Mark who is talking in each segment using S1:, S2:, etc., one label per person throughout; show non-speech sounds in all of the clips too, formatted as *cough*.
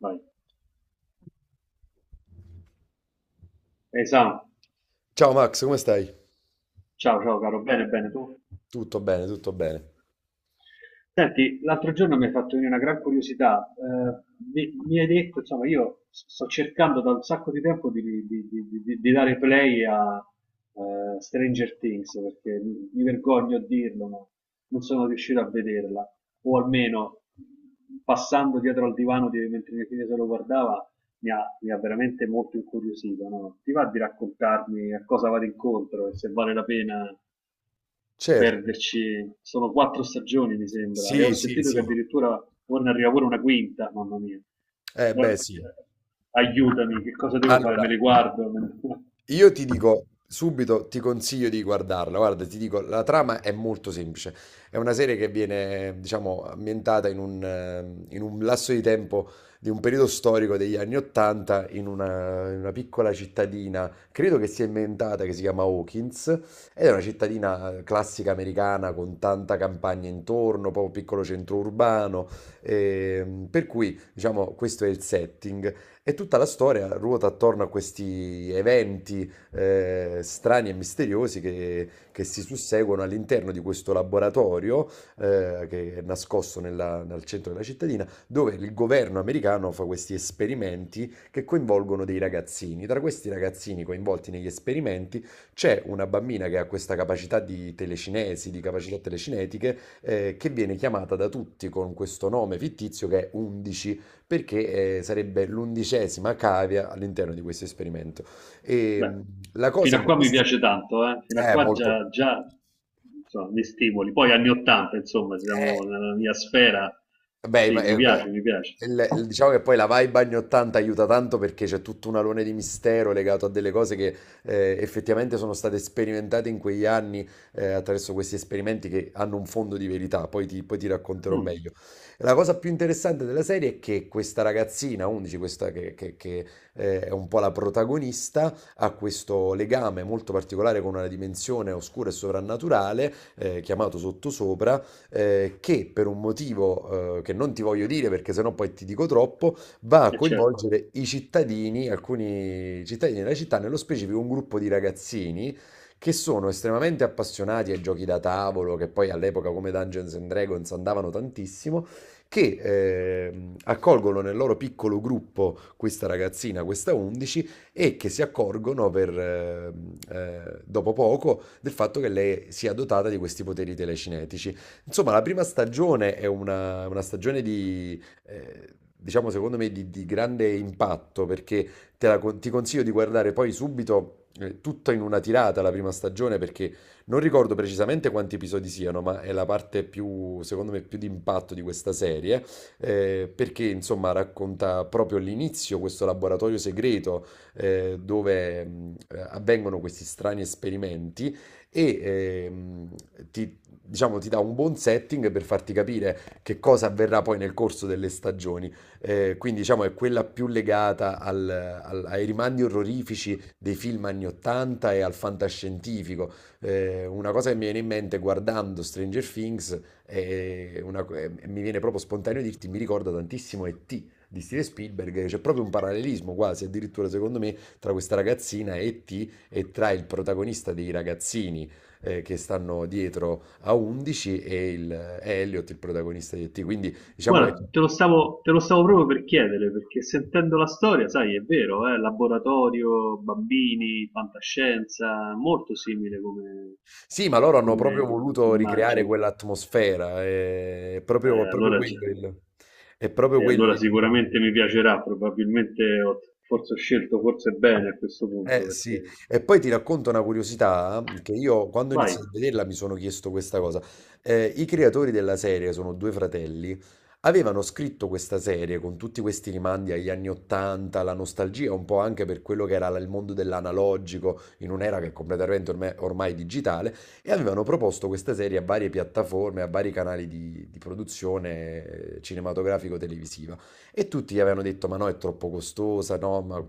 S1: Vai. Esatto.
S2: Ciao Max, come stai?
S1: Ciao, ciao caro, bene, bene tu.
S2: Tutto bene, tutto bene.
S1: Senti, l'altro giorno mi hai fatto venire una gran curiosità. Mi hai detto, insomma, io sto cercando da un sacco di tempo di, di dare play a Stranger Things, perché mi vergogno a dirlo, ma non sono riuscito a vederla. O almeno passando dietro al divano di, mentre mia figlia se lo guardava, mi ha veramente molto incuriosito, no? Ti va di raccontarmi a cosa vado incontro e se vale la pena
S2: Certo.
S1: perderci? Sono quattro stagioni mi sembra, e ho
S2: Sì, sì,
S1: sentito che
S2: sì.
S1: addirittura ora ne arriva pure una quinta, mamma mia.
S2: Eh
S1: Ma-
S2: beh, sì.
S1: eh, Aiutami, che cosa devo fare? Me
S2: Allora,
S1: le guardo?
S2: io
S1: *laughs*
S2: ti dico subito, ti consiglio di guardarla. Guarda, ti dico, la trama è molto semplice. È una serie che viene, diciamo, ambientata in un lasso di tempo di un periodo storico degli anni Ottanta in una piccola cittadina, credo che sia inventata, che si chiama Hawkins, ed è una cittadina classica americana con tanta campagna intorno, poi un piccolo centro urbano, per cui, diciamo, questo è il setting. E tutta la storia ruota attorno a questi eventi strani e misteriosi che si susseguono all'interno di questo laboratorio che è nascosto nel centro della cittadina, dove il governo americano fa questi esperimenti che coinvolgono dei ragazzini. Tra questi ragazzini coinvolti negli esperimenti c'è una bambina che ha questa capacità di telecinesi, di capacità telecinetiche, che viene chiamata da tutti con questo nome fittizio che è 11 perché sarebbe l'undicesima cavia all'interno di questo esperimento. E
S1: Beh,
S2: la cosa
S1: fino a qua mi
S2: interessante
S1: piace tanto, eh? Fino a
S2: è
S1: qua
S2: molto...
S1: già, già insomma, mi stimoli. Poi anni 80, insomma, siamo
S2: eh,
S1: nella mia sfera.
S2: Beh,
S1: Sì,
S2: ma
S1: mi
S2: eh, que-
S1: piace, mi piace.
S2: diciamo che poi la vibe anni 80 aiuta tanto perché c'è tutto un alone di mistero legato a delle cose che effettivamente sono state sperimentate in quegli anni attraverso questi esperimenti che hanno un fondo di verità, poi ti racconterò
S1: Mm,
S2: meglio. La cosa più interessante della serie è che questa ragazzina, 11, questa è un po' la protagonista, ha questo legame molto particolare con una dimensione oscura e sovrannaturale, chiamato sottosopra, che per un motivo che non ti voglio dire perché sennò poi ti dico troppo, va a
S1: è certo.
S2: coinvolgere i cittadini, alcuni cittadini della città, nello specifico un gruppo di ragazzini che sono estremamente appassionati ai giochi da tavolo, che poi all'epoca come Dungeons and Dragons andavano tantissimo, che accolgono nel loro piccolo gruppo questa ragazzina, questa 11, e che si accorgono dopo poco del fatto che lei sia dotata di questi poteri telecinetici. Insomma, la prima stagione è una stagione di, diciamo, secondo me, di grande impatto, perché ti consiglio di guardare poi subito, tutta in una tirata la prima stagione, perché non ricordo precisamente quanti episodi siano, ma è la parte più, secondo me, più di impatto di questa serie, perché, insomma, racconta proprio l'inizio, questo laboratorio segreto, dove avvengono questi strani esperimenti e ehm, ti, diciamo, ti dà un buon setting per farti capire che cosa avverrà poi nel corso delle stagioni. Quindi, diciamo, è quella più legata ai rimandi orrorifici dei film anni 80 e al fantascientifico. Una cosa che mi viene in mente guardando Stranger Things mi viene proprio spontaneo dirti, mi ricorda tantissimo E.T. di Steven Spielberg, c'è proprio un parallelismo quasi, addirittura secondo me, tra questa ragazzina E.T. e tra il protagonista dei ragazzini che stanno dietro a 11 è Elliot il protagonista di E.T. Quindi diciamo che
S1: Guarda, te lo stavo proprio per chiedere, perché sentendo la storia, sai, è vero, laboratorio, bambini, fantascienza, molto simile come,
S2: sì, ma loro hanno proprio
S1: come
S2: voluto ricreare
S1: immagine.
S2: quell'atmosfera, è proprio
S1: Allora già,
S2: quello il, è proprio
S1: e
S2: quello
S1: allora
S2: il-
S1: sicuramente mi piacerà, probabilmente ho, forse ho scelto forse bene a questo punto,
S2: Eh sì,
S1: perché
S2: e poi ti racconto una curiosità che io quando ho
S1: vai,
S2: iniziato a vederla mi sono chiesto questa cosa. I creatori della serie sono due fratelli, avevano scritto questa serie con tutti questi rimandi agli anni 80, la nostalgia un po' anche per quello che era il mondo dell'analogico in un'era che è completamente ormai digitale e avevano proposto questa serie a varie piattaforme, a vari canali di produzione cinematografico-televisiva. E tutti gli avevano detto: "Ma no, è troppo costosa, no, ma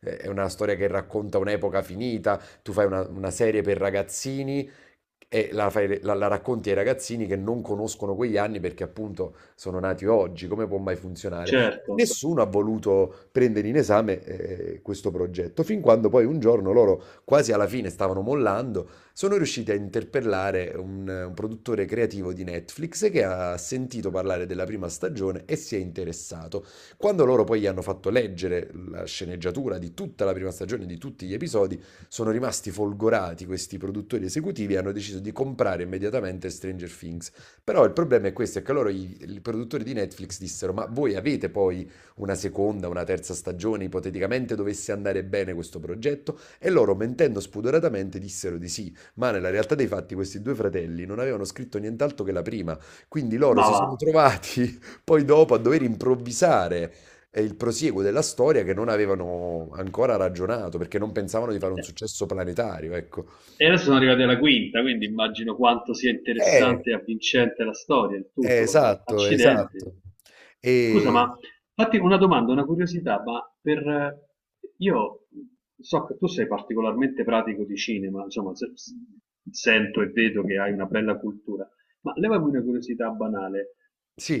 S2: è una storia che racconta un'epoca finita, tu fai una serie per ragazzini e la racconti ai ragazzini che non conoscono quegli anni perché appunto sono nati oggi, come può mai funzionare?"
S1: certo,
S2: Nessuno ha voluto prendere in esame questo progetto, fin quando poi un giorno loro, quasi alla fine, stavano mollando, sono riusciti a interpellare un produttore creativo di Netflix che ha sentito parlare della prima stagione e si è interessato. Quando loro poi gli hanno fatto leggere la sceneggiatura di tutta la prima stagione, di tutti gli episodi, sono rimasti folgorati questi produttori esecutivi e hanno deciso di comprare immediatamente Stranger Things. Però il problema è questo, è che loro i produttori di Netflix dissero: "Ma voi avete poi una seconda, una terza stagione, ipoteticamente dovesse andare bene questo progetto?" E loro mentendo spudoratamente dissero di sì, ma nella realtà dei fatti questi due fratelli non avevano scritto nient'altro che la prima, quindi loro
S1: ma
S2: si
S1: va.
S2: sono trovati *laughs* poi dopo a dover improvvisare è il prosieguo della storia che non avevano ancora ragionato perché non pensavano di fare un
S1: Eh,
S2: successo planetario, ecco.
S1: E adesso sono arrivati alla quinta, quindi immagino quanto sia
S2: Eh,
S1: interessante e avvincente la storia, il tutto, no?
S2: esatto,
S1: Accidenti.
S2: esatto.
S1: Scusa,
S2: E
S1: ma fatti una domanda, una curiosità, ma io so che tu sei particolarmente pratico di cinema, insomma, sento e vedo che hai una bella cultura, ma levami una curiosità banale.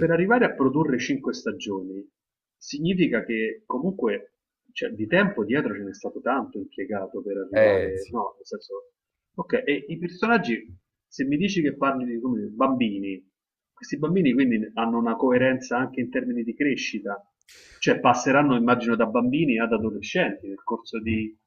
S1: Per arrivare a produrre cinque stagioni, significa che comunque, cioè, di tempo dietro ce n'è stato tanto impiegato per arrivare,
S2: sì.
S1: no, nel senso, okay, e i personaggi, se mi dici che parli di, come dire, bambini, questi bambini quindi ne hanno una coerenza anche in termini di crescita, cioè passeranno immagino da bambini ad adolescenti nel corso di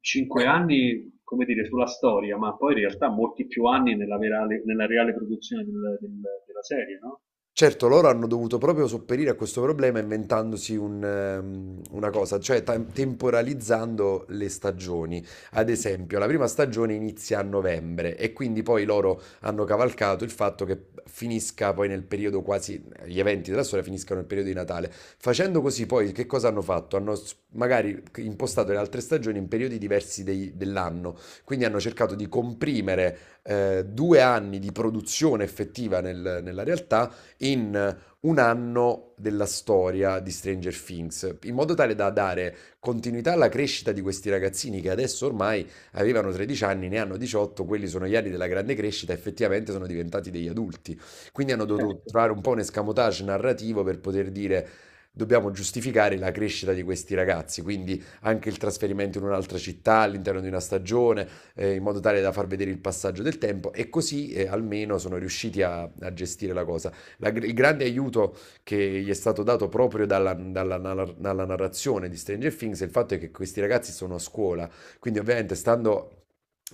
S1: 5
S2: Eh,
S1: anni, come dire, sulla storia, ma poi in realtà molti più anni nella, nella reale produzione della serie, no?
S2: Certo, loro hanno dovuto proprio sopperire a questo problema inventandosi un, una cosa, cioè temporalizzando le stagioni. Ad esempio, la prima stagione inizia a novembre e quindi poi loro hanno cavalcato il fatto che finisca poi nel periodo quasi, gli eventi della storia finiscano nel periodo di Natale. Facendo così poi che cosa hanno fatto? Magari impostato le altre stagioni in periodi diversi dell'anno, quindi hanno cercato di comprimere due anni di produzione effettiva nella realtà in un anno della storia di Stranger Things, in modo tale da dare continuità alla crescita di questi ragazzini che adesso ormai avevano 13 anni, ne hanno 18, quelli sono gli anni della grande crescita, effettivamente sono diventati degli adulti. Quindi hanno dovuto
S1: Certo.
S2: trovare un po' un escamotage narrativo per poter dire: "Dobbiamo giustificare la crescita di questi ragazzi", quindi anche il trasferimento in un'altra città all'interno di una stagione, in modo tale da far vedere il passaggio del tempo e così almeno sono riusciti a gestire la cosa. Il grande aiuto che gli è stato dato proprio dalla narrazione di Stranger Things è il fatto è che questi ragazzi sono a scuola, quindi ovviamente stando...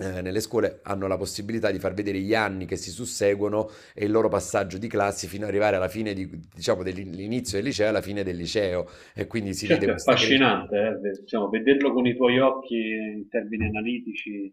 S2: nelle scuole hanno la possibilità di far vedere gli anni che si susseguono e il loro passaggio di classi fino ad arrivare diciamo, dell'inizio del liceo alla fine del liceo e quindi si vede
S1: Certo, è
S2: questa crescita.
S1: affascinante, diciamo, vederlo con i tuoi occhi in termini analitici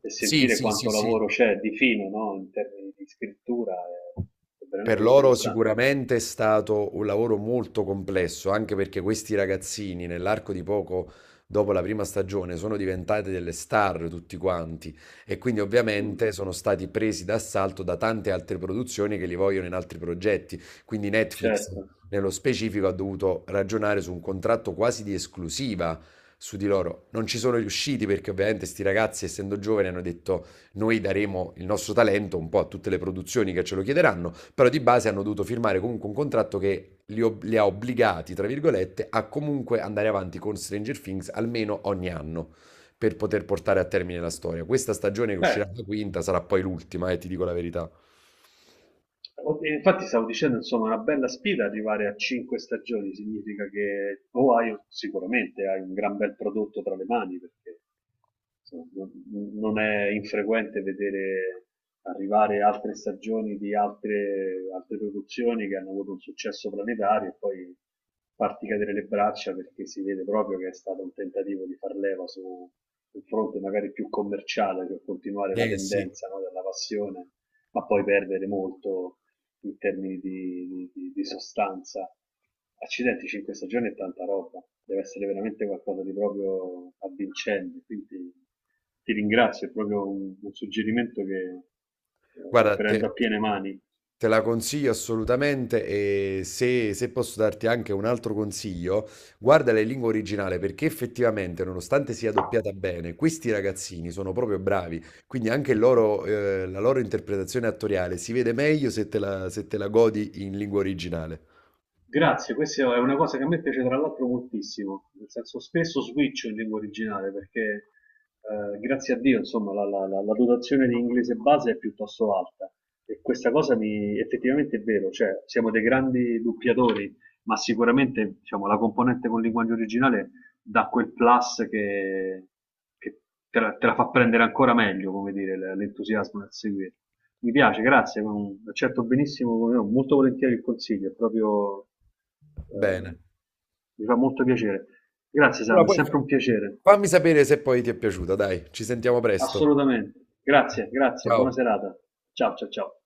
S1: e
S2: Sì,
S1: sentire
S2: sì, sì,
S1: quanto
S2: sì.
S1: lavoro c'è di fino, no? In termini di scrittura è
S2: Per
S1: veramente
S2: loro
S1: interessante.
S2: sicuramente è stato un lavoro molto complesso, anche perché questi ragazzini nell'arco di poco dopo la prima stagione sono diventati delle star tutti quanti e quindi
S1: Mm,
S2: ovviamente sono stati presi d'assalto da tante altre produzioni che li vogliono in altri progetti. Quindi Netflix
S1: certo.
S2: nello specifico ha dovuto ragionare su un contratto quasi di esclusiva su di loro. Non ci sono riusciti perché ovviamente sti ragazzi, essendo giovani, hanno detto: "Noi daremo il nostro talento un po' a tutte le produzioni che ce lo chiederanno", però di base hanno dovuto firmare comunque un contratto che li ha obbligati, tra virgolette, a comunque andare avanti con Stranger Things almeno ogni anno per poter portare a termine la storia. Questa stagione che
S1: Beh,
S2: uscirà la quinta sarà poi l'ultima, e ti dico la verità.
S1: infatti stavo dicendo, insomma, una bella sfida arrivare a cinque stagioni, significa che o hai sicuramente hai un gran bel prodotto tra le mani, perché insomma, non è infrequente vedere arrivare altre stagioni di altre, altre produzioni che hanno avuto un successo planetario e poi farti cadere le braccia perché si vede proprio che è stato un tentativo di far leva su un fronte magari più commerciale per continuare la
S2: Eh sì,
S1: tendenza, no, della passione, ma poi perdere molto in termini di, di sostanza. Accidenti, 5 stagioni è tanta roba, deve essere veramente qualcosa di proprio avvincente, quindi ti ringrazio, è proprio un suggerimento che
S2: guarda,
S1: prendo a piene mani.
S2: te la consiglio assolutamente e se posso darti anche un altro consiglio, guardala in lingua originale perché effettivamente, nonostante sia doppiata bene, questi ragazzini sono proprio bravi, quindi anche il loro, la loro interpretazione attoriale si vede meglio se te la godi in lingua originale.
S1: Grazie, questa è una cosa che a me piace tra l'altro moltissimo, nel senso spesso switcho in lingua originale perché grazie a Dio insomma la, la dotazione di inglese base è piuttosto alta e questa cosa mi effettivamente è vero, cioè siamo dei grandi doppiatori, ma sicuramente diciamo, la componente con linguaggio originale dà quel plus che te la fa prendere ancora meglio, come dire, l'entusiasmo nel seguire. Mi piace, grazie, ma mm, accetto benissimo, come no, molto volentieri il consiglio, è proprio, eh,
S2: Bene.
S1: mi fa molto piacere. Grazie
S2: Allora,
S1: Sam, è
S2: poi fa-
S1: sempre un piacere,
S2: fammi sapere se poi ti è piaciuta, dai, ci sentiamo presto.
S1: assolutamente. Grazie, grazie, buona
S2: Ciao.
S1: serata. Ciao, ciao, ciao.